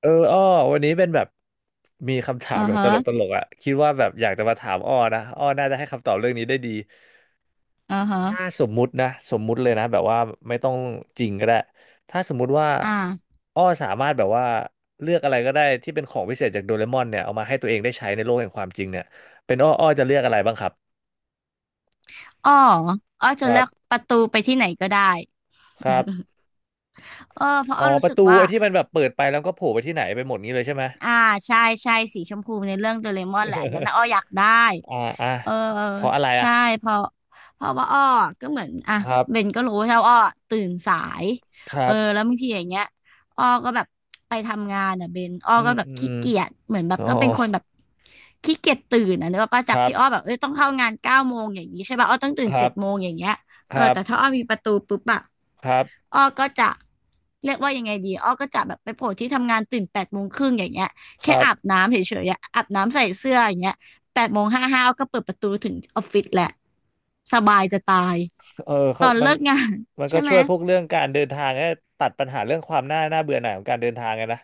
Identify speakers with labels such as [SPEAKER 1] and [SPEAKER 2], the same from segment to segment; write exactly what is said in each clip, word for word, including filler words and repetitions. [SPEAKER 1] เอออ้อวันนี้เป็นแบบมีคำถา
[SPEAKER 2] อื
[SPEAKER 1] ม
[SPEAKER 2] อ
[SPEAKER 1] แบบ
[SPEAKER 2] ฮะ
[SPEAKER 1] ตลกๆอ่ะคิดว่าแบบอยากจะมาถามอ้อนะอ้อน่าจะให้คำตอบเรื่องนี้ได้ดี
[SPEAKER 2] อือ
[SPEAKER 1] ถ้า
[SPEAKER 2] ฮะ
[SPEAKER 1] สมมุตินะสมมุติเลยนะแบบว่าไม่ต้องจริงก็ได้ถ้าสมมุติว่า
[SPEAKER 2] อ่า
[SPEAKER 1] อ้อสามารถแบบว่าเลือกอะไรก็ได้ที่เป็นของพิเศษจากโดเรมอนเนี่ยเอามาให้ตัวเองได้ใช้ในโลกแห่งความจริงเนี่ยเป็นอ้ออ้อจะเลือกอะไรบ้างครับ
[SPEAKER 2] อ้ออ้อจะ
[SPEAKER 1] ครั
[SPEAKER 2] เลื
[SPEAKER 1] บ
[SPEAKER 2] อกประตูไปที่ไหนก็ได้
[SPEAKER 1] ครับ
[SPEAKER 2] เออเพราะอ้
[SPEAKER 1] อ๋
[SPEAKER 2] อ
[SPEAKER 1] อป
[SPEAKER 2] รู้สึ
[SPEAKER 1] ระ
[SPEAKER 2] ก
[SPEAKER 1] ตู
[SPEAKER 2] ว่า
[SPEAKER 1] ไอ้ที่มันแบบเปิดไปแล้วก็โผล่ไปที่ไหนไปหมดนี้เลยใช่ไหม
[SPEAKER 2] อ่าใช่ใช่สีชมพูในเรื่องโดเรมอนแหละอันนั้นน่ะอ้ออยากได้
[SPEAKER 1] อ่าอ่า
[SPEAKER 2] เออ
[SPEAKER 1] เพราะอะไรอ่ะ
[SPEAKER 2] ใช่เพราะเพราะว่าอ้อก็เหมือนอ่ะ
[SPEAKER 1] ครับ
[SPEAKER 2] เบนก็รู้ใช่ว่าอ้อตื่นสาย
[SPEAKER 1] ค
[SPEAKER 2] เอ
[SPEAKER 1] รั
[SPEAKER 2] อ
[SPEAKER 1] บ
[SPEAKER 2] แล้วบางทีอย่างเงี้ยอ้อก็แบบไปทำงานอ่ะเบนอ้อ
[SPEAKER 1] อื
[SPEAKER 2] ก็
[SPEAKER 1] ม
[SPEAKER 2] แบบ
[SPEAKER 1] อืม
[SPEAKER 2] ขี้เกียจเหมือนแบบ
[SPEAKER 1] อ๋อ
[SPEAKER 2] ก็เป็นคนแบบขี้เกียจตื่นอ่ะเนกอะป้า
[SPEAKER 1] ค
[SPEAKER 2] จาก
[SPEAKER 1] รั
[SPEAKER 2] ที่อ้อแบ
[SPEAKER 1] บ
[SPEAKER 2] บเอ้ยต้องเข้างานเก้าโมงอย่างนี้ใช่ป่ะอ้อต้องตื่
[SPEAKER 1] ค
[SPEAKER 2] น
[SPEAKER 1] รั
[SPEAKER 2] เจ็
[SPEAKER 1] บ
[SPEAKER 2] ดโมงอย่างเงี้ย
[SPEAKER 1] ค
[SPEAKER 2] เออ
[SPEAKER 1] รับ
[SPEAKER 2] แต่ถ้าอ้อมีประตูปุ๊บอะ
[SPEAKER 1] ครับ
[SPEAKER 2] อ้อก็จะเรียกว่ายังไงดีอ้อก็จะแบบไปโผล่ที่ทำงานตื่นแปดโมงครึ่งอย่างเงี้ย
[SPEAKER 1] ค
[SPEAKER 2] แค่
[SPEAKER 1] รับ
[SPEAKER 2] อาบน้ำเฉยๆอะอาบน้ำใส่เสื้ออย่างเงี้ยแปดโมงห้าห้าอ้อก็เปิดประตูถึงออฟฟิศแหละสบายจะตาย
[SPEAKER 1] เออ
[SPEAKER 2] ต
[SPEAKER 1] เขา
[SPEAKER 2] อน
[SPEAKER 1] มัน
[SPEAKER 2] เลิกงาน
[SPEAKER 1] มัน
[SPEAKER 2] ใช่
[SPEAKER 1] ก็
[SPEAKER 2] ไหม
[SPEAKER 1] ช่วยพวกเรื่องการเดินทางให้ตัดปัญหาเรื่องความน่าน่าเบื่อหน่ายของการเดินทางไงนะ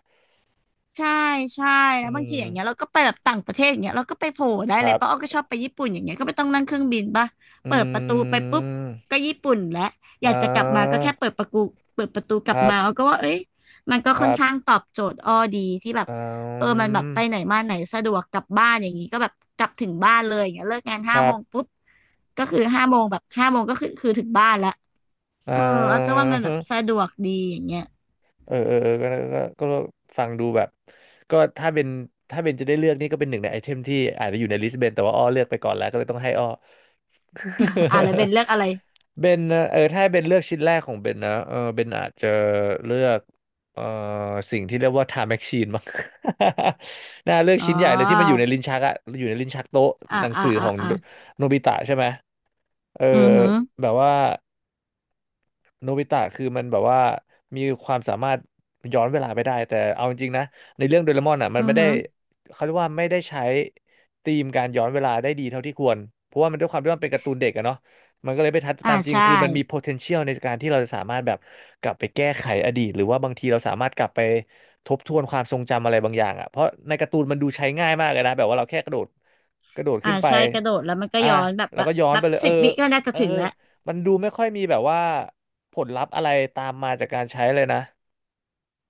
[SPEAKER 2] ใช่ ใช่แล้
[SPEAKER 1] อื
[SPEAKER 2] วบางที
[SPEAKER 1] ม
[SPEAKER 2] อย่างเงี้ยเราก็ไปแบบต่างประเทศอย่างเงี้ยเราก็ไปโผล่ได้
[SPEAKER 1] ค
[SPEAKER 2] เล
[SPEAKER 1] รั
[SPEAKER 2] ยป้าอ้อก็
[SPEAKER 1] บ
[SPEAKER 2] ชอบไปญี่ปุ่นอย่างเงี้ยก็ไม่ต้องนั่งเครื่องบินป่ะเปิดประตู
[SPEAKER 1] อื
[SPEAKER 2] ไปปุ๊บก็
[SPEAKER 1] ม
[SPEAKER 2] ญี่ปุ่นแล้วอ
[SPEAKER 1] อ่
[SPEAKER 2] ยากจะกลับมาก็
[SPEAKER 1] า
[SPEAKER 2] แค่เปิดประตูเปิดประตูก
[SPEAKER 1] ค
[SPEAKER 2] ลับ
[SPEAKER 1] รับ
[SPEAKER 2] มาอ้อก็ว่าเอ้ยมันก็
[SPEAKER 1] ค
[SPEAKER 2] ค่อ
[SPEAKER 1] รั
[SPEAKER 2] น
[SPEAKER 1] บ
[SPEAKER 2] ข้างตอบโจทย์อ้อดีที่แบบ
[SPEAKER 1] อื
[SPEAKER 2] เออมันแบบไปไหน
[SPEAKER 1] ม
[SPEAKER 2] มาไหนสะดวกกลับบ้านอย่างงี้ก็แบบกลับถึงบ้านเลยอย่างเงี้ยเลิกงาน
[SPEAKER 1] ค
[SPEAKER 2] ห้า
[SPEAKER 1] รั
[SPEAKER 2] โม
[SPEAKER 1] บ
[SPEAKER 2] งปุ๊บก็คือห้าโมงแบบห้าโมงก็คือคือถึงบ้านละ
[SPEAKER 1] อ่
[SPEAKER 2] เอออ้อก็ว่ามันแบบ
[SPEAKER 1] า
[SPEAKER 2] สะดวกดีอย่างเงี้ย
[SPEAKER 1] เออเออเออก็ก็ก็ก็ฟังดูแบบก็ถ้าเป็นถ้าเป็นจะได้เลือกนี่ก็เป็นหนึ่งในไอเทมที่อาจจะอยู่ในลิสต์เบนแต่ว่าอ้อเลือกไปก่อนแล้วก็เลยต้องให้อ้อ
[SPEAKER 2] อ่ะแล้วเป็น เลือกอะไร
[SPEAKER 1] เบนนะเออถ้าให้เบนเลือกชิ้นแรกของเบนนะเออเบนอาจจะเลือกเออสิ่งที่เรียกว่าไทม์แมชชีนมั้ง น่าเลือก
[SPEAKER 2] อ๋อ
[SPEAKER 1] ชิ้นใหญ่เลยที่มันอยู่ในลิ้นชักอะอยู่ในลิ้นชักโต๊ะ
[SPEAKER 2] อ่ะ
[SPEAKER 1] หนัง
[SPEAKER 2] อ่ะ
[SPEAKER 1] สือข
[SPEAKER 2] อ่ะ
[SPEAKER 1] อง
[SPEAKER 2] อ่ะ
[SPEAKER 1] โนบิตะใช่ไหมเออ
[SPEAKER 2] อือหือ
[SPEAKER 1] แบบว่า โนบิตะคือมันแบบว่ามีความสามารถย้อนเวลาไปได้แต่เอาจริงๆนะในเรื่องโดเรมอนอ่ะมัน
[SPEAKER 2] อื
[SPEAKER 1] ไม่
[SPEAKER 2] อ
[SPEAKER 1] ได้
[SPEAKER 2] หือ
[SPEAKER 1] เขาเรียกว่าไม่ได้ใช้ธีมการย้อนเวลาได้ดีเท่าที่ควรเพราะว่ามันด้วยความที่มันเป็นการ์ตูนเด็กอะเนาะมันก็เลยไม่ทัน
[SPEAKER 2] อ่า
[SPEAKER 1] ตามจริง
[SPEAKER 2] ใช่
[SPEAKER 1] คือมันมี potential ในการที่เราจะสามารถแบบกลับไปแก้ไขอดีตหรือว่าบางทีเราสามารถกลับไปทบทวนความทรงจำอะไรบางอย่างอ่ะเพราะในการ์ตูนมันดูใช้ง่ายมากเลยนะแบบว่าเราแค่กระโดดกระโดด
[SPEAKER 2] อ่า
[SPEAKER 1] ขึ้นไป
[SPEAKER 2] ใช่กระโดดแล้วมันก็
[SPEAKER 1] อ่ะ
[SPEAKER 2] ย้อนแบบ
[SPEAKER 1] แล้
[SPEAKER 2] แบ
[SPEAKER 1] ว
[SPEAKER 2] บ
[SPEAKER 1] ก็ย้อน
[SPEAKER 2] แบ
[SPEAKER 1] ไป
[SPEAKER 2] บ
[SPEAKER 1] เลยเอ
[SPEAKER 2] สิ
[SPEAKER 1] อ
[SPEAKER 2] บวิก็น่าจะ
[SPEAKER 1] เออ
[SPEAKER 2] ถึงแล้ว
[SPEAKER 1] มันดูไม่ค่อยมีแบบว่า ผลลัพธ์อะไรตามมาจากการใช้เลยนะ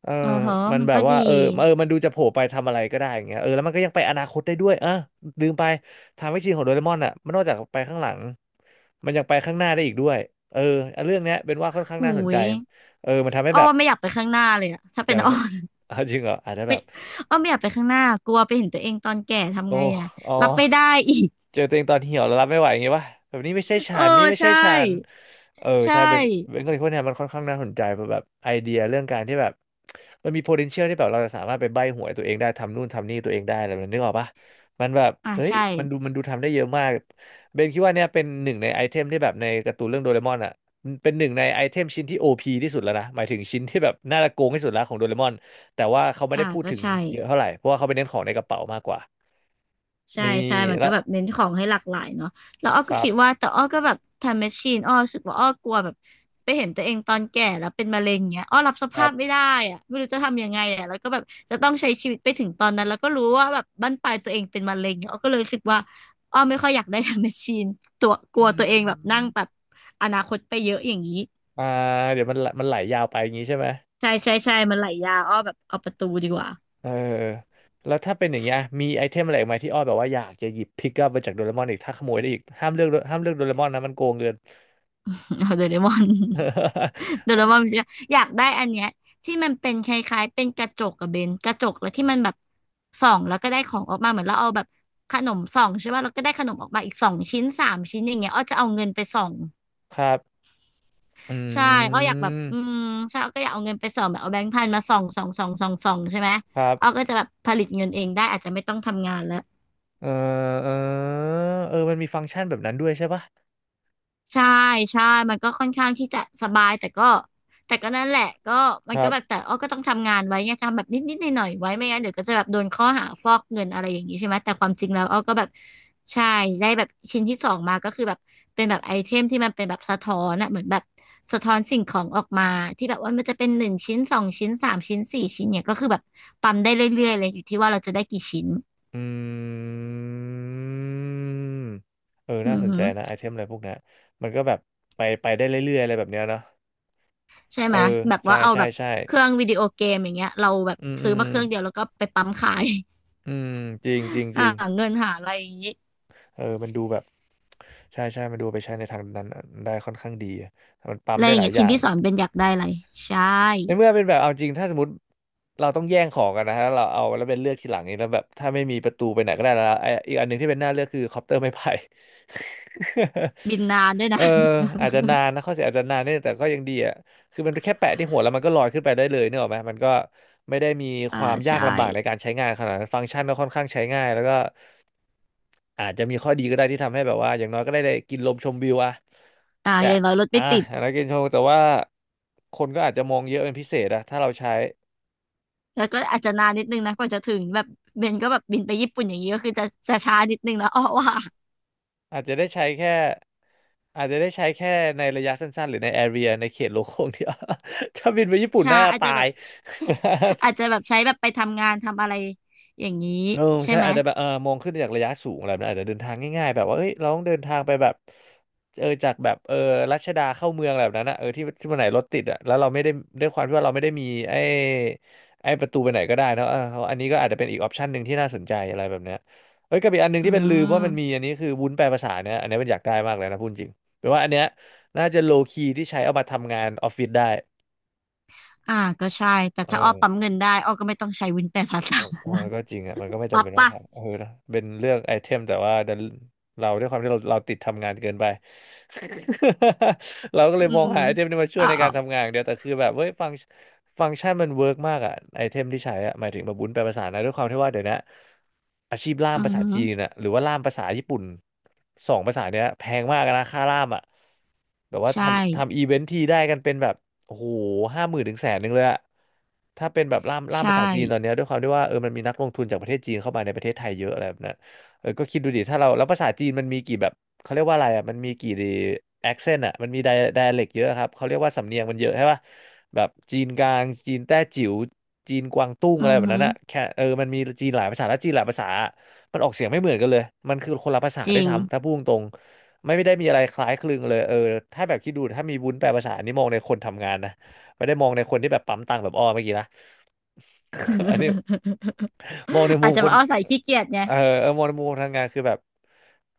[SPEAKER 1] เออ
[SPEAKER 2] อ๋อเหรอ
[SPEAKER 1] มัน
[SPEAKER 2] มัน
[SPEAKER 1] แบบ
[SPEAKER 2] ก็
[SPEAKER 1] ว่า
[SPEAKER 2] ดี
[SPEAKER 1] เออเออมันดูจะโผล่ไปทำอะไรก็ได้อย่างเงี้ยเออแล้วมันก็ยังไปอนาคตได้ด้วยอ่ะลืมไปทางไม่ชินของโดเรมอนอ่ะมันนอกจากไปข้างหลังมันยังไปข้างหน้าได้อีกด้วยเออเรื่องเนี้ยเป็นว่าค่อนข้าง
[SPEAKER 2] หู
[SPEAKER 1] น่าสนใจ
[SPEAKER 2] ย
[SPEAKER 1] เออมันทำให้
[SPEAKER 2] อ้อ
[SPEAKER 1] แบบ
[SPEAKER 2] ว่าไม่อยากไปข้างหน้าเลยอะถ้า
[SPEAKER 1] อ
[SPEAKER 2] เป็
[SPEAKER 1] ยาก
[SPEAKER 2] น
[SPEAKER 1] ไป
[SPEAKER 2] อ้อ
[SPEAKER 1] ข้าง อ่ะจริงเหรออาจจะแบบ
[SPEAKER 2] อ้อไม่อยากไปข้างหน้ากลัวไปเห็นตัวเองตอนแก่ทำ
[SPEAKER 1] โอ้
[SPEAKER 2] ไงอะ
[SPEAKER 1] อ๋อ
[SPEAKER 2] รับไม่ได้อีก
[SPEAKER 1] เจอตัวเองตอนเหี่ยวแล้วรับไม่ไหวอย่างงี้ป่ะแบบนี้ไม่ใช่ ฉั
[SPEAKER 2] เออ
[SPEAKER 1] นนี่ไม่ใช่
[SPEAKER 2] ใช่
[SPEAKER 1] ฉันเออใช่
[SPEAKER 2] ใช่
[SPEAKER 1] เบนเบนก็เลยพวกเนี้ยมันค่อนข้างน่าสนใจเพราะแบบไอเดียเรื่องการที่แบบมันมี potential ที่แบบเราจะสามารถไปใบ้หวยตัวเองได้ทำนู่นทำนี่ตัวเองได้อะไรแบบนั้นนึกออกป่ะมันแบบ
[SPEAKER 2] อ่า
[SPEAKER 1] เฮ้ย
[SPEAKER 2] ใช่
[SPEAKER 1] มันดูมันดูทำได้เยอะมากเบนคิดว่าเนี่ยเป็นหนึ่งในไอเทมที่แบบในการ์ตูนเรื่องโดเรมอนอ่ะเป็นหนึ่งในไอเทมชิ้นที่ โอ พี ที่สุดแล้วนะหมายถึงชิ้นที่แบบน่าจะโกงที่สุดแล้วของโดเรมอนแต่ว่าเขาไม่
[SPEAKER 2] อ่า
[SPEAKER 1] ได้พูด
[SPEAKER 2] ก็
[SPEAKER 1] ถึง
[SPEAKER 2] ใช่
[SPEAKER 1] เยอะเท่าไหร่เพราะว่าเขาไปเน้นของในกระเป๋ามากกว่า
[SPEAKER 2] ใช่
[SPEAKER 1] นี่
[SPEAKER 2] ใช่มัน
[SPEAKER 1] แล้
[SPEAKER 2] ก็
[SPEAKER 1] ว
[SPEAKER 2] แบบเน้นของให้หลากหลายเนาะแล้วอ้อ
[SPEAKER 1] ค
[SPEAKER 2] ก็
[SPEAKER 1] รับ
[SPEAKER 2] คิดว่าแต่อ้อก็แบบทำแมชชีนอ้อรู้สึกว่าอ้อกลัวแบบไปเห็นตัวเองตอนแก่แล้วเป็นมะเร็งเงี้ยอ้อรับส
[SPEAKER 1] ครั
[SPEAKER 2] ภาพไม่
[SPEAKER 1] บ
[SPEAKER 2] ได้อะไม่รู้จะทำยังไงอะแล้วก็แบบจะต้องใช้ชีวิตไปถึงตอนนั้นแล้วก็รู้ว่าแบบบั้นปลายตัวเองเป็นมะเร็งเนี่ยอ้อก็เลยรู้สึกว่าอ้อไม่ค่อยอยากได้ทำแมชชีนตัวก
[SPEAKER 1] อื
[SPEAKER 2] ลัวตัวเองแบบนั่ง
[SPEAKER 1] ม
[SPEAKER 2] แบบอนาคตไปเยอะอย่างนี้
[SPEAKER 1] อ่าเดี๋ยวมันมันไหลยาวไปอย่างนี้ใช่ไหม
[SPEAKER 2] ใช่ใช่ใช่มันไหลยาวอ้อแบบเอาประตูดีกว่า
[SPEAKER 1] เออแล้วถ้าเป็นอย่างเงี้ยมีไอเทมอะไรอีกไหมที่อ้อยแบบว่าอยากจะหยิบพิกอัพมาจากโดเรมอนอีกถ้าขโมยได้อีกห้ามเลือกห้ามเลือกโดเรมอนนะมันโกงเงิน
[SPEAKER 2] เอาโดเรมอน เดี๋ยว เรามาอยากได้อันเนี้ยที่มันเป็นคล้ายๆเป็นกระจกกับเบนกระจกแล้วที่มันแบบส่องแล้วก็ได้ของออกมาเหมือนเราเอาแบบขนมส่องใช่ป่ะเราก็ได้ขนมออกมาอีกสองชิ้นสามชิ้นอย่างเงี้ยอ้อจะเอาเงินไปส่อง
[SPEAKER 1] ครับอื
[SPEAKER 2] ใช่อ้ออยากแบบอื
[SPEAKER 1] ม
[SPEAKER 2] มใช่อ้อก็อยากเอาเงินไปส่องแบบเอาแบงค์พันมาส่องส่องส่องส่องส่องใช่ไหม
[SPEAKER 1] ครั
[SPEAKER 2] อ้อ
[SPEAKER 1] บ
[SPEAKER 2] ก็จะแบบผลิตเงินเองได้อาจจะไม่ต้องทำงานแล้ว
[SPEAKER 1] เออเออเออมันมีฟังก์ชันแบบนั้นด้วยใช่ปะ
[SPEAKER 2] ใช่ใช่ มันก็ค่อนข้างที่จะสบายแต่ก็แต่ก็นั่นแหละก็มั
[SPEAKER 1] ค
[SPEAKER 2] น
[SPEAKER 1] รั
[SPEAKER 2] ก็แบบ
[SPEAKER 1] บ
[SPEAKER 2] แต่อ้อก็ต้องทำงานไว้ไงทำแบบนิดนิดหน่อยหน่อยๆไว้ไม่งั้นเดี๋ยวก็จะแบบโดนข้อหาฟอกเงินอะไรอย่างนี้ใช่ไหมแต่ความจริงแล้วอ้อก็แบบใช่ได้แบบชิ้นที่สองมาก็คือแบบเป็นแบบไอเทมที่มันเป็นแบบสะท้อนอะเหมือนแบบสะท้อนสิ่งของออกมาที่แบบว่ามันจะเป็นหนึ่งชิ้นสองชิ้นสามชิ้นสี่ชิ้นเนี่ยก็คือแบบปั๊มได้เรื่อยๆเลยอยู่ที่ว่าเราจะได้กี่ชิ้น
[SPEAKER 1] อืมเออ
[SPEAKER 2] อื
[SPEAKER 1] น่า
[SPEAKER 2] อ
[SPEAKER 1] สน
[SPEAKER 2] ฮึ
[SPEAKER 1] ใจนะไอเทมอะไรพวกเนี้ยมันก็แบบไปไปได้เรื่อยๆ อะไรแบบเนี้ยเนาะ
[SPEAKER 2] ใช่
[SPEAKER 1] เอ
[SPEAKER 2] ไห
[SPEAKER 1] อ
[SPEAKER 2] มแบบ
[SPEAKER 1] ใช่
[SPEAKER 2] ว่าเอา
[SPEAKER 1] ใช่
[SPEAKER 2] แบบ
[SPEAKER 1] ใช่
[SPEAKER 2] เครื่องวิดีโอเกมอย่างเงี้ยเราแบบ
[SPEAKER 1] อืมอื
[SPEAKER 2] ซื้
[SPEAKER 1] ม
[SPEAKER 2] อ
[SPEAKER 1] อื
[SPEAKER 2] มาเค
[SPEAKER 1] ม
[SPEAKER 2] รื่องเดียวแล้วก็ไปปั๊มขาย
[SPEAKER 1] อืมจริงจริง จริ
[SPEAKER 2] หา
[SPEAKER 1] ง
[SPEAKER 2] เงินหาอะไรอย่างงี้
[SPEAKER 1] เออมันดูแบบใช่ใช่มันดูไปใช้ในทางนั้นได้ค่อนข้างดีอะมันปั๊ม
[SPEAKER 2] อะไร
[SPEAKER 1] ได้
[SPEAKER 2] อย่า
[SPEAKER 1] ห
[SPEAKER 2] ง
[SPEAKER 1] ลาย
[SPEAKER 2] เงี้ย
[SPEAKER 1] อ
[SPEAKER 2] ชิ้
[SPEAKER 1] ย่า
[SPEAKER 2] น
[SPEAKER 1] ง
[SPEAKER 2] ที่สอนเป็นอยากได้อะไรใช่
[SPEAKER 1] ในเมื่อเป็นแบบเอาจริงถ้าสมมติเราต้องแย่งของกันนะฮะเราเอาแล้วเป็นเลือกทีหลังนี่แล้วแบบถ้าไม่มีประตูไปไหนก็ได้แล้วไออีกอันหนึ่งที่เป็นหน้าเลือกคือคอปเตอร์ไม้ไผ่
[SPEAKER 2] บินนานด้วย
[SPEAKER 1] เออ
[SPEAKER 2] นะ
[SPEAKER 1] อาจจะนานนะข้อเสียอาจจะนานเนี่ยแต่ก็ยังดีอ่ะคือมันแค่แปะที่หัวแล้วมันก็ลอยขึ้นไปได้เลยเนี่ยหรอกไหมมันก็ไม่ได้มี ค
[SPEAKER 2] อ่า
[SPEAKER 1] วามยาก
[SPEAKER 2] ใช่
[SPEAKER 1] ลำบากในการใช้งานขนาดนั้นฟังก์ชันก็ค่อนข้างใช้ง่ายแล้วก็ อาจจะมีข้อดีก็ได้ที่ทำให้แบบว่าอย่างน้อยก็ได้ได้กินลมชมวิวอะ
[SPEAKER 2] อ่า
[SPEAKER 1] แต่
[SPEAKER 2] อย่างน้อยรถ
[SPEAKER 1] อ่ะ
[SPEAKER 2] ไม่ติด
[SPEAKER 1] อย่างน้อยกินชมแต่ว่าคนก็อาจจะมองเยอะเป็นพิเศษอะถ้าเราใช้
[SPEAKER 2] แล้วก็อาจจะนานนิดนึงนะกว่าจะถึงแบบเบนก็แบบบินไปญี่ปุ่นอย่างนี้ก็คือจะจะช้านิดนึงนะ อ้อว่า
[SPEAKER 1] อาจจะได้ใช้แค่อาจจะได้ใช้แค่ในระยะสั้นๆหรือในแอเรียในเขตโลโก้ อ่งเดียว ถ้าบินไปญี่ปุ่น
[SPEAKER 2] ช้า
[SPEAKER 1] น่าจะ
[SPEAKER 2] อาจ
[SPEAKER 1] ตา
[SPEAKER 2] จะแบ
[SPEAKER 1] ย
[SPEAKER 2] บอาจ จะแบบใช้แบบไปทำงานทำอะไรอย่างนี้
[SPEAKER 1] เออ
[SPEAKER 2] ใช่
[SPEAKER 1] ใช่
[SPEAKER 2] ไหม
[SPEAKER 1] อาจจะแบบเออมองขึ้นจากระยะสูงอะไรแบบนั้นอาจจะเดินทางง่ายๆแบบว่าเอ้ยเราต้องเดินทางไปแบบเออจากแบบเออรัชดาเข้าเมืองอะไรแบบนั้นอะเออที่ที่วันไหนรถติดอะแล้วเราไม่ได้ด้วยความที่ว่าเราไม่ได้มีไอ้ไอ้ประตูไปไหนก็ได้เนอะเอออันนี้ก็อาจจะเป็นอีกออปชันหนึ่งที่น่าสนใจอะไรแบบเนี้ยเอ้ยกับอีกอันหนึ่ง
[SPEAKER 2] อื
[SPEAKER 1] ที่เป็นลืมว่ามันมี
[SPEAKER 2] ม
[SPEAKER 1] อันนี้คือวุ้นแปลภาษาเนี่ยอันนี้มันอยากได้มากเลยนะพูดจริงแปลว่าอันเนี้ยน่าจะโลคีที่ใช้เอามาทำงานออฟฟิศได้
[SPEAKER 2] อ่าก็ใช่แต่
[SPEAKER 1] เอ
[SPEAKER 2] ถ้าอ้อ
[SPEAKER 1] อ
[SPEAKER 2] ปั๊มเงินได้อ้อก็ไม่ต้องใช้วินแปดภาษา
[SPEAKER 1] เออก็จริงอ่ะมันก็ไม่จำ
[SPEAKER 2] วั
[SPEAKER 1] เป็
[SPEAKER 2] บ
[SPEAKER 1] นต้อง
[SPEAKER 2] ปะ
[SPEAKER 1] ทำเออนะเป็นเลือกไอเทมแต่ว่าดันเราด้วยความที่เราเราติดทำงานเกินไป เราก็เล
[SPEAKER 2] อื
[SPEAKER 1] ยมอง
[SPEAKER 2] ม
[SPEAKER 1] หาไอเทมที่มาช่วย
[SPEAKER 2] อ่า
[SPEAKER 1] ในกา
[SPEAKER 2] อา
[SPEAKER 1] รทำงานอย่างเดียวแต่คือแบบเฮ้ยฟังก์ฟังก์ชันมันเวิร์กมากอ่ะไอเทมที่ใช้อ่ะหมายถึงแบบบุญแปลภาษานะด้วยความที่ว่าเดี๋ยวนี้อาชีพล่าม
[SPEAKER 2] อื
[SPEAKER 1] ภา
[SPEAKER 2] อ
[SPEAKER 1] ษา
[SPEAKER 2] ฮึ
[SPEAKER 1] จีนน่ะหรือว่าล่ามภาษาญี่ปุ่นสองภาษาเนี้ยแพงมากนะค่าล่ามอ่ะแบบว่า
[SPEAKER 2] ใช่
[SPEAKER 1] ทำทำอีเวนท์ทีได้กันเป็นแบบ โอ้โหห้าหมื่นถึงแสนหนึ่งเลยอะถ้าเป็นแบบล่ามล่าม
[SPEAKER 2] ใช่
[SPEAKER 1] ภาษาจีนตอนเนี้ยด้วยความที่ว่าเออมันมีนักลงทุนจากประเทศจีนเข้ามาในประเทศไทยเยอะอะไรแบบนั้นเออก็คิดดูดิถ้าเราแล้วภาษาจีนมันมีกี่แบบเขาเรียกว่าอะไรอะมันมีกี่แอคเซนต์อะมันมีไดไดเล็กเยอะครับเขาเรียกว่าสำเนียงมันเยอะใช่ป่ะแบบจีนกลางจีนแต้จิ๋วจีนกวางตุ้งอะไร
[SPEAKER 2] อือ
[SPEAKER 1] แบบ
[SPEAKER 2] ฮึ
[SPEAKER 1] นั้นอะแค่เออมันมีจีนหลายภาษาและจีนหลายภาษามันออกเสียงไม่เหมือนกันเลยมันคือคนละภาษา
[SPEAKER 2] จ
[SPEAKER 1] ด้ว
[SPEAKER 2] ริ
[SPEAKER 1] ย
[SPEAKER 2] ง
[SPEAKER 1] ซ้ำถ้าพูดตรง ไม่ไม่ได้มีอะไรคล้ายคลึงเลยเออถ้าแบบคิดดูถ้ามีวุ้นแปลภาษาอันนี้มองในคนทำงานนะไม่ได้มองในคนที่แบบปั๊มตังค์แบบอ้อเมื่อกี้นะ อันนี้ มองในมุ
[SPEAKER 2] อาจ
[SPEAKER 1] ม
[SPEAKER 2] จะ
[SPEAKER 1] คน
[SPEAKER 2] มาเอาใส่ขี้เกียจไง
[SPEAKER 1] เออเออมองในมุมคนทำงานคือแบบ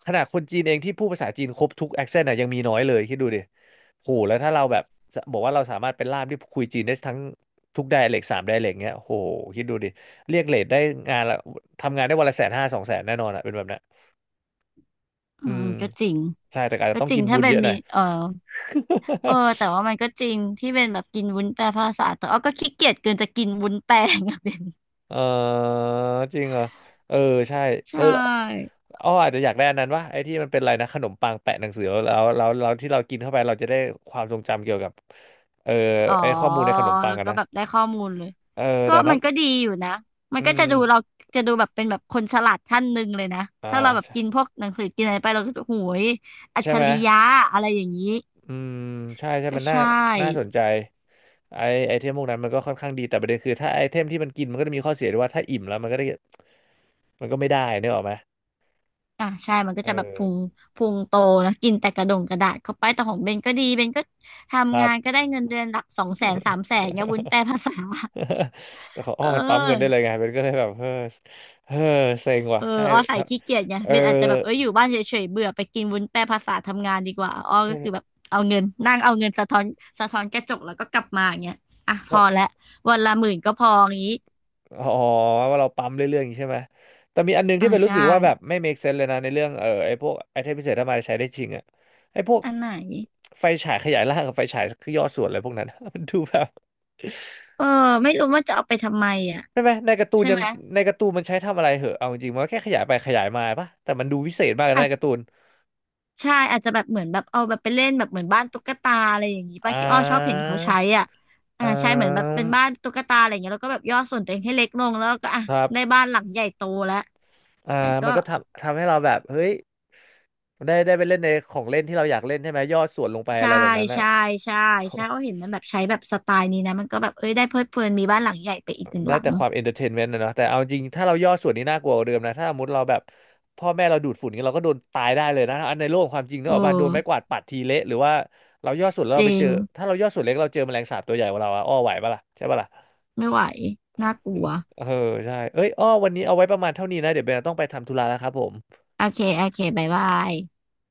[SPEAKER 1] ขนาดคนจีนเองที่พูดภาษาจีนครบทุกแอคเซนต์อ่ะยังมีน้อยเลยคิดดูดิโหแล้วถ้าเราแบบบอกว่าเราสามารถเป็นล่ามที่คุยจีนได้ทั้งทุกไดอะเล็กสามไดอะเล็กเงี้ยโหคิดดูดิเรียกเรทได้งานละทำงานได้วันละแสนห้าสองแสนแน่นอนอ่ะเป็นแบบนั้น
[SPEAKER 2] อื
[SPEAKER 1] อื
[SPEAKER 2] ม
[SPEAKER 1] ม
[SPEAKER 2] ก็จริง
[SPEAKER 1] ใช่แต่อาจจะ
[SPEAKER 2] ก็
[SPEAKER 1] ต้อง
[SPEAKER 2] จริ
[SPEAKER 1] กิ
[SPEAKER 2] ง
[SPEAKER 1] นบุ
[SPEAKER 2] ถ้า
[SPEAKER 1] ญ
[SPEAKER 2] เป็
[SPEAKER 1] เย
[SPEAKER 2] น
[SPEAKER 1] อะห
[SPEAKER 2] มี
[SPEAKER 1] น่อย
[SPEAKER 2] เออเออ แต่ว่ามันก็จริงที่เป็นแบบกินวุ้นแปลภาษาแต่เอาก็ขี้เกียจเกินจะกินวุ้นแปล งอะเป็น
[SPEAKER 1] เออจริงเหรอเออใช่
[SPEAKER 2] ใช
[SPEAKER 1] เออ
[SPEAKER 2] ่
[SPEAKER 1] อ้ออาจจะอยากได้อันนั้นวะไอ้ที่มันเป็นอะไรนะขนมปังแปะหนังสือแล้วแล้วแล้วที่เรากินเข้าไปเราจะได้ความทรงจำเกี่ยวกับเออ
[SPEAKER 2] อ๋อ
[SPEAKER 1] ไอ้ข้อมูลในขนมปั
[SPEAKER 2] แล้
[SPEAKER 1] ง
[SPEAKER 2] ว
[SPEAKER 1] อะ
[SPEAKER 2] ก็
[SPEAKER 1] นะ
[SPEAKER 2] แบบได้ข้อมูลเลย
[SPEAKER 1] เออ
[SPEAKER 2] ก็
[SPEAKER 1] แต่น้
[SPEAKER 2] มันก็ดีอยู่นะ มั
[SPEAKER 1] ำ
[SPEAKER 2] น
[SPEAKER 1] อื
[SPEAKER 2] ก็จะ
[SPEAKER 1] ม
[SPEAKER 2] ดูเราจะดูแบบเป็นแบบคนฉลาดท่านหนึ่งเลยนะ
[SPEAKER 1] อ่า
[SPEAKER 2] ถ้าเราแบบกิน
[SPEAKER 1] ใช่
[SPEAKER 2] พวกหนังสือกินอะไรไปเราก็จะโหยอัจ
[SPEAKER 1] ใช่
[SPEAKER 2] ฉ
[SPEAKER 1] ไหม
[SPEAKER 2] ริยะอะไรอย่างนี้
[SPEAKER 1] อืมใช่ใช่
[SPEAKER 2] ก็
[SPEAKER 1] มันน่า
[SPEAKER 2] ใช่
[SPEAKER 1] น่าสนใจไอไอเทมพวกนั้นมันก็ค่อนข้างดีแต่ประเด็นคือถ้าไอเทมที่มันกินมันก็จะมีข้อเสียด้วยว่าถ้าอิ่มแล้วมันก็ได้มันก็ไม่ได้นึกออกไหม
[SPEAKER 2] อ่ะใช่มันก็
[SPEAKER 1] เอ
[SPEAKER 2] จะแบบ
[SPEAKER 1] อ
[SPEAKER 2] พุงพุงโตนะ กินแต่กระดงกระดาษเข้าไปแต่ของเบนก็ดี เบนก็
[SPEAKER 1] ค
[SPEAKER 2] ทำงาน
[SPEAKER 1] รั
[SPEAKER 2] ก็ได้เงินเดือนหลักสอง
[SPEAKER 1] บ
[SPEAKER 2] แสนสามแสนเงี้ย วุ้นแปลภาษา
[SPEAKER 1] แต่ของ อ้
[SPEAKER 2] เอ
[SPEAKER 1] อ
[SPEAKER 2] อ
[SPEAKER 1] มันปั๊มเงินได้เลยไงเป็นก็เลยแบบเออเออเซ็งว่ะ
[SPEAKER 2] เออ
[SPEAKER 1] ใช่
[SPEAKER 2] อ้อใส่
[SPEAKER 1] ถ้า
[SPEAKER 2] ขี้เกียจไง
[SPEAKER 1] เออ
[SPEAKER 2] เบนอาจจะแบบเอออยู่บ้านเฉยๆเบื่อไปกินวุ้นแปรภาษาทำงานดีกว่าอ้อก็
[SPEAKER 1] ถ้า
[SPEAKER 2] คือแบบเอาเงินนั่งเอาเงินสะท้อนสะท้อนกระจกแล้วก็กลับมาอย่างเงี้ยอ่ะพ
[SPEAKER 1] ถ้า
[SPEAKER 2] อละวันละหมื่นก็พออย่างงี้
[SPEAKER 1] อ๋อว่าเราปั๊มเรื่อยๆอย่างนี้ใช่ไหมแต่มีอันนึง
[SPEAKER 2] อ่า
[SPEAKER 1] ที่เป็นรู้
[SPEAKER 2] ใช่
[SPEAKER 1] สึกว่าแบบไม่ make sense เลยนะในเรื่องเออไอ้พวกไอเทมพิเศษถ้ามาใช้ได้จริงอะไอ้พวก
[SPEAKER 2] อันไหน
[SPEAKER 1] ไฟฉายขยายร่างกับไฟฉายคือย่อส่วนอะไรพวกนั้น มันดูแบบ
[SPEAKER 2] เออไม่รู้ว่าจะเอาไปทำไมอ่ะ
[SPEAKER 1] ใช่ไหมในการ์ตูน
[SPEAKER 2] ใช่
[SPEAKER 1] ยั
[SPEAKER 2] ไห
[SPEAKER 1] ง
[SPEAKER 2] ม
[SPEAKER 1] ในการ์ตูนมันใช้ทำอะไรเหอะเอาจริงๆมันก็แค่ขยายไปขยายมาปะแต่มันดูวิเศษมากเลย
[SPEAKER 2] อา
[SPEAKER 1] นะใน
[SPEAKER 2] จ
[SPEAKER 1] การ์ตูน
[SPEAKER 2] ใช่อาจจะแบบเหมือนแบบเอาแบบไปเล่นแบบเหมือนบ้านตุ๊กตาอะไรอย่างงี้
[SPEAKER 1] อ่
[SPEAKER 2] ป้าที่อ้อชอบเห็น
[SPEAKER 1] า
[SPEAKER 2] เขาใช้อ่ะอ่า
[SPEAKER 1] อ่
[SPEAKER 2] ใช่เหมือนแบบ
[SPEAKER 1] า
[SPEAKER 2] เป็นบ้านตุ๊กตาอะไรอย่างเงี้ยแล้วก็แบบย่อส่วนตัวเองให้เล็กลงแล้วก็อ่ะ
[SPEAKER 1] ครั
[SPEAKER 2] ได้
[SPEAKER 1] บ
[SPEAKER 2] บ้านหลังใหญ่โตแล้ว
[SPEAKER 1] อ่า
[SPEAKER 2] มันก็
[SPEAKER 1] มันก็ทำทำให้เราแบบเฮ้ยได้ได้ไปเล่นในของเล่นที่เราอยากเล่นใช่ไหมย่อส่วนลงไปอะ
[SPEAKER 2] ใช่
[SPEAKER 1] ไรแบบนั้นอะ
[SPEAKER 2] ใช่ใช่ใช่เขาเห็นมันแบบใช้แบบสไตล์นี้นะมันก็แบบเอ้ยได้เพลิดเพลินมีบ้านหลังใหญ่ไปอีกหนึ่ง
[SPEAKER 1] ได้
[SPEAKER 2] หลั
[SPEAKER 1] แต่
[SPEAKER 2] ง
[SPEAKER 1] ความเอนเตอร์เทนเมนต์นะเนาะแต่เอาจริงถ้าเราย่อส่วนนี้น่ากลัวกว่าเดิมนะถ้าสมมติเราแบบพ่อแม่เราดูดฝุ่นนี้ยเราก็โดนตายได้เลยนะอันในโลกความจริงเนก
[SPEAKER 2] เออ
[SPEAKER 1] อะว่าโดนไม้กวาดปัดทีเละหรือว่าเราย่อส่วนแล้ว
[SPEAKER 2] จ
[SPEAKER 1] เราไป
[SPEAKER 2] ริ
[SPEAKER 1] เจ
[SPEAKER 2] ง
[SPEAKER 1] อถ้าเราย่อส่วนเล็กเราเจอแมลงสาบตัวใหญ่กว่าเราอะอ้อไหวปะล่ะใช่ปะล่ะ
[SPEAKER 2] ไม่ไหวน่ากลัว
[SPEAKER 1] เออใช่เอ้ยอ้อวันนี้เอาไว้ประมาณเท่านี้นะเดี๋ยวเบนต้องไปทำธุระแล้วครับผม
[SPEAKER 2] โอเคโอเคบ๊ายบาย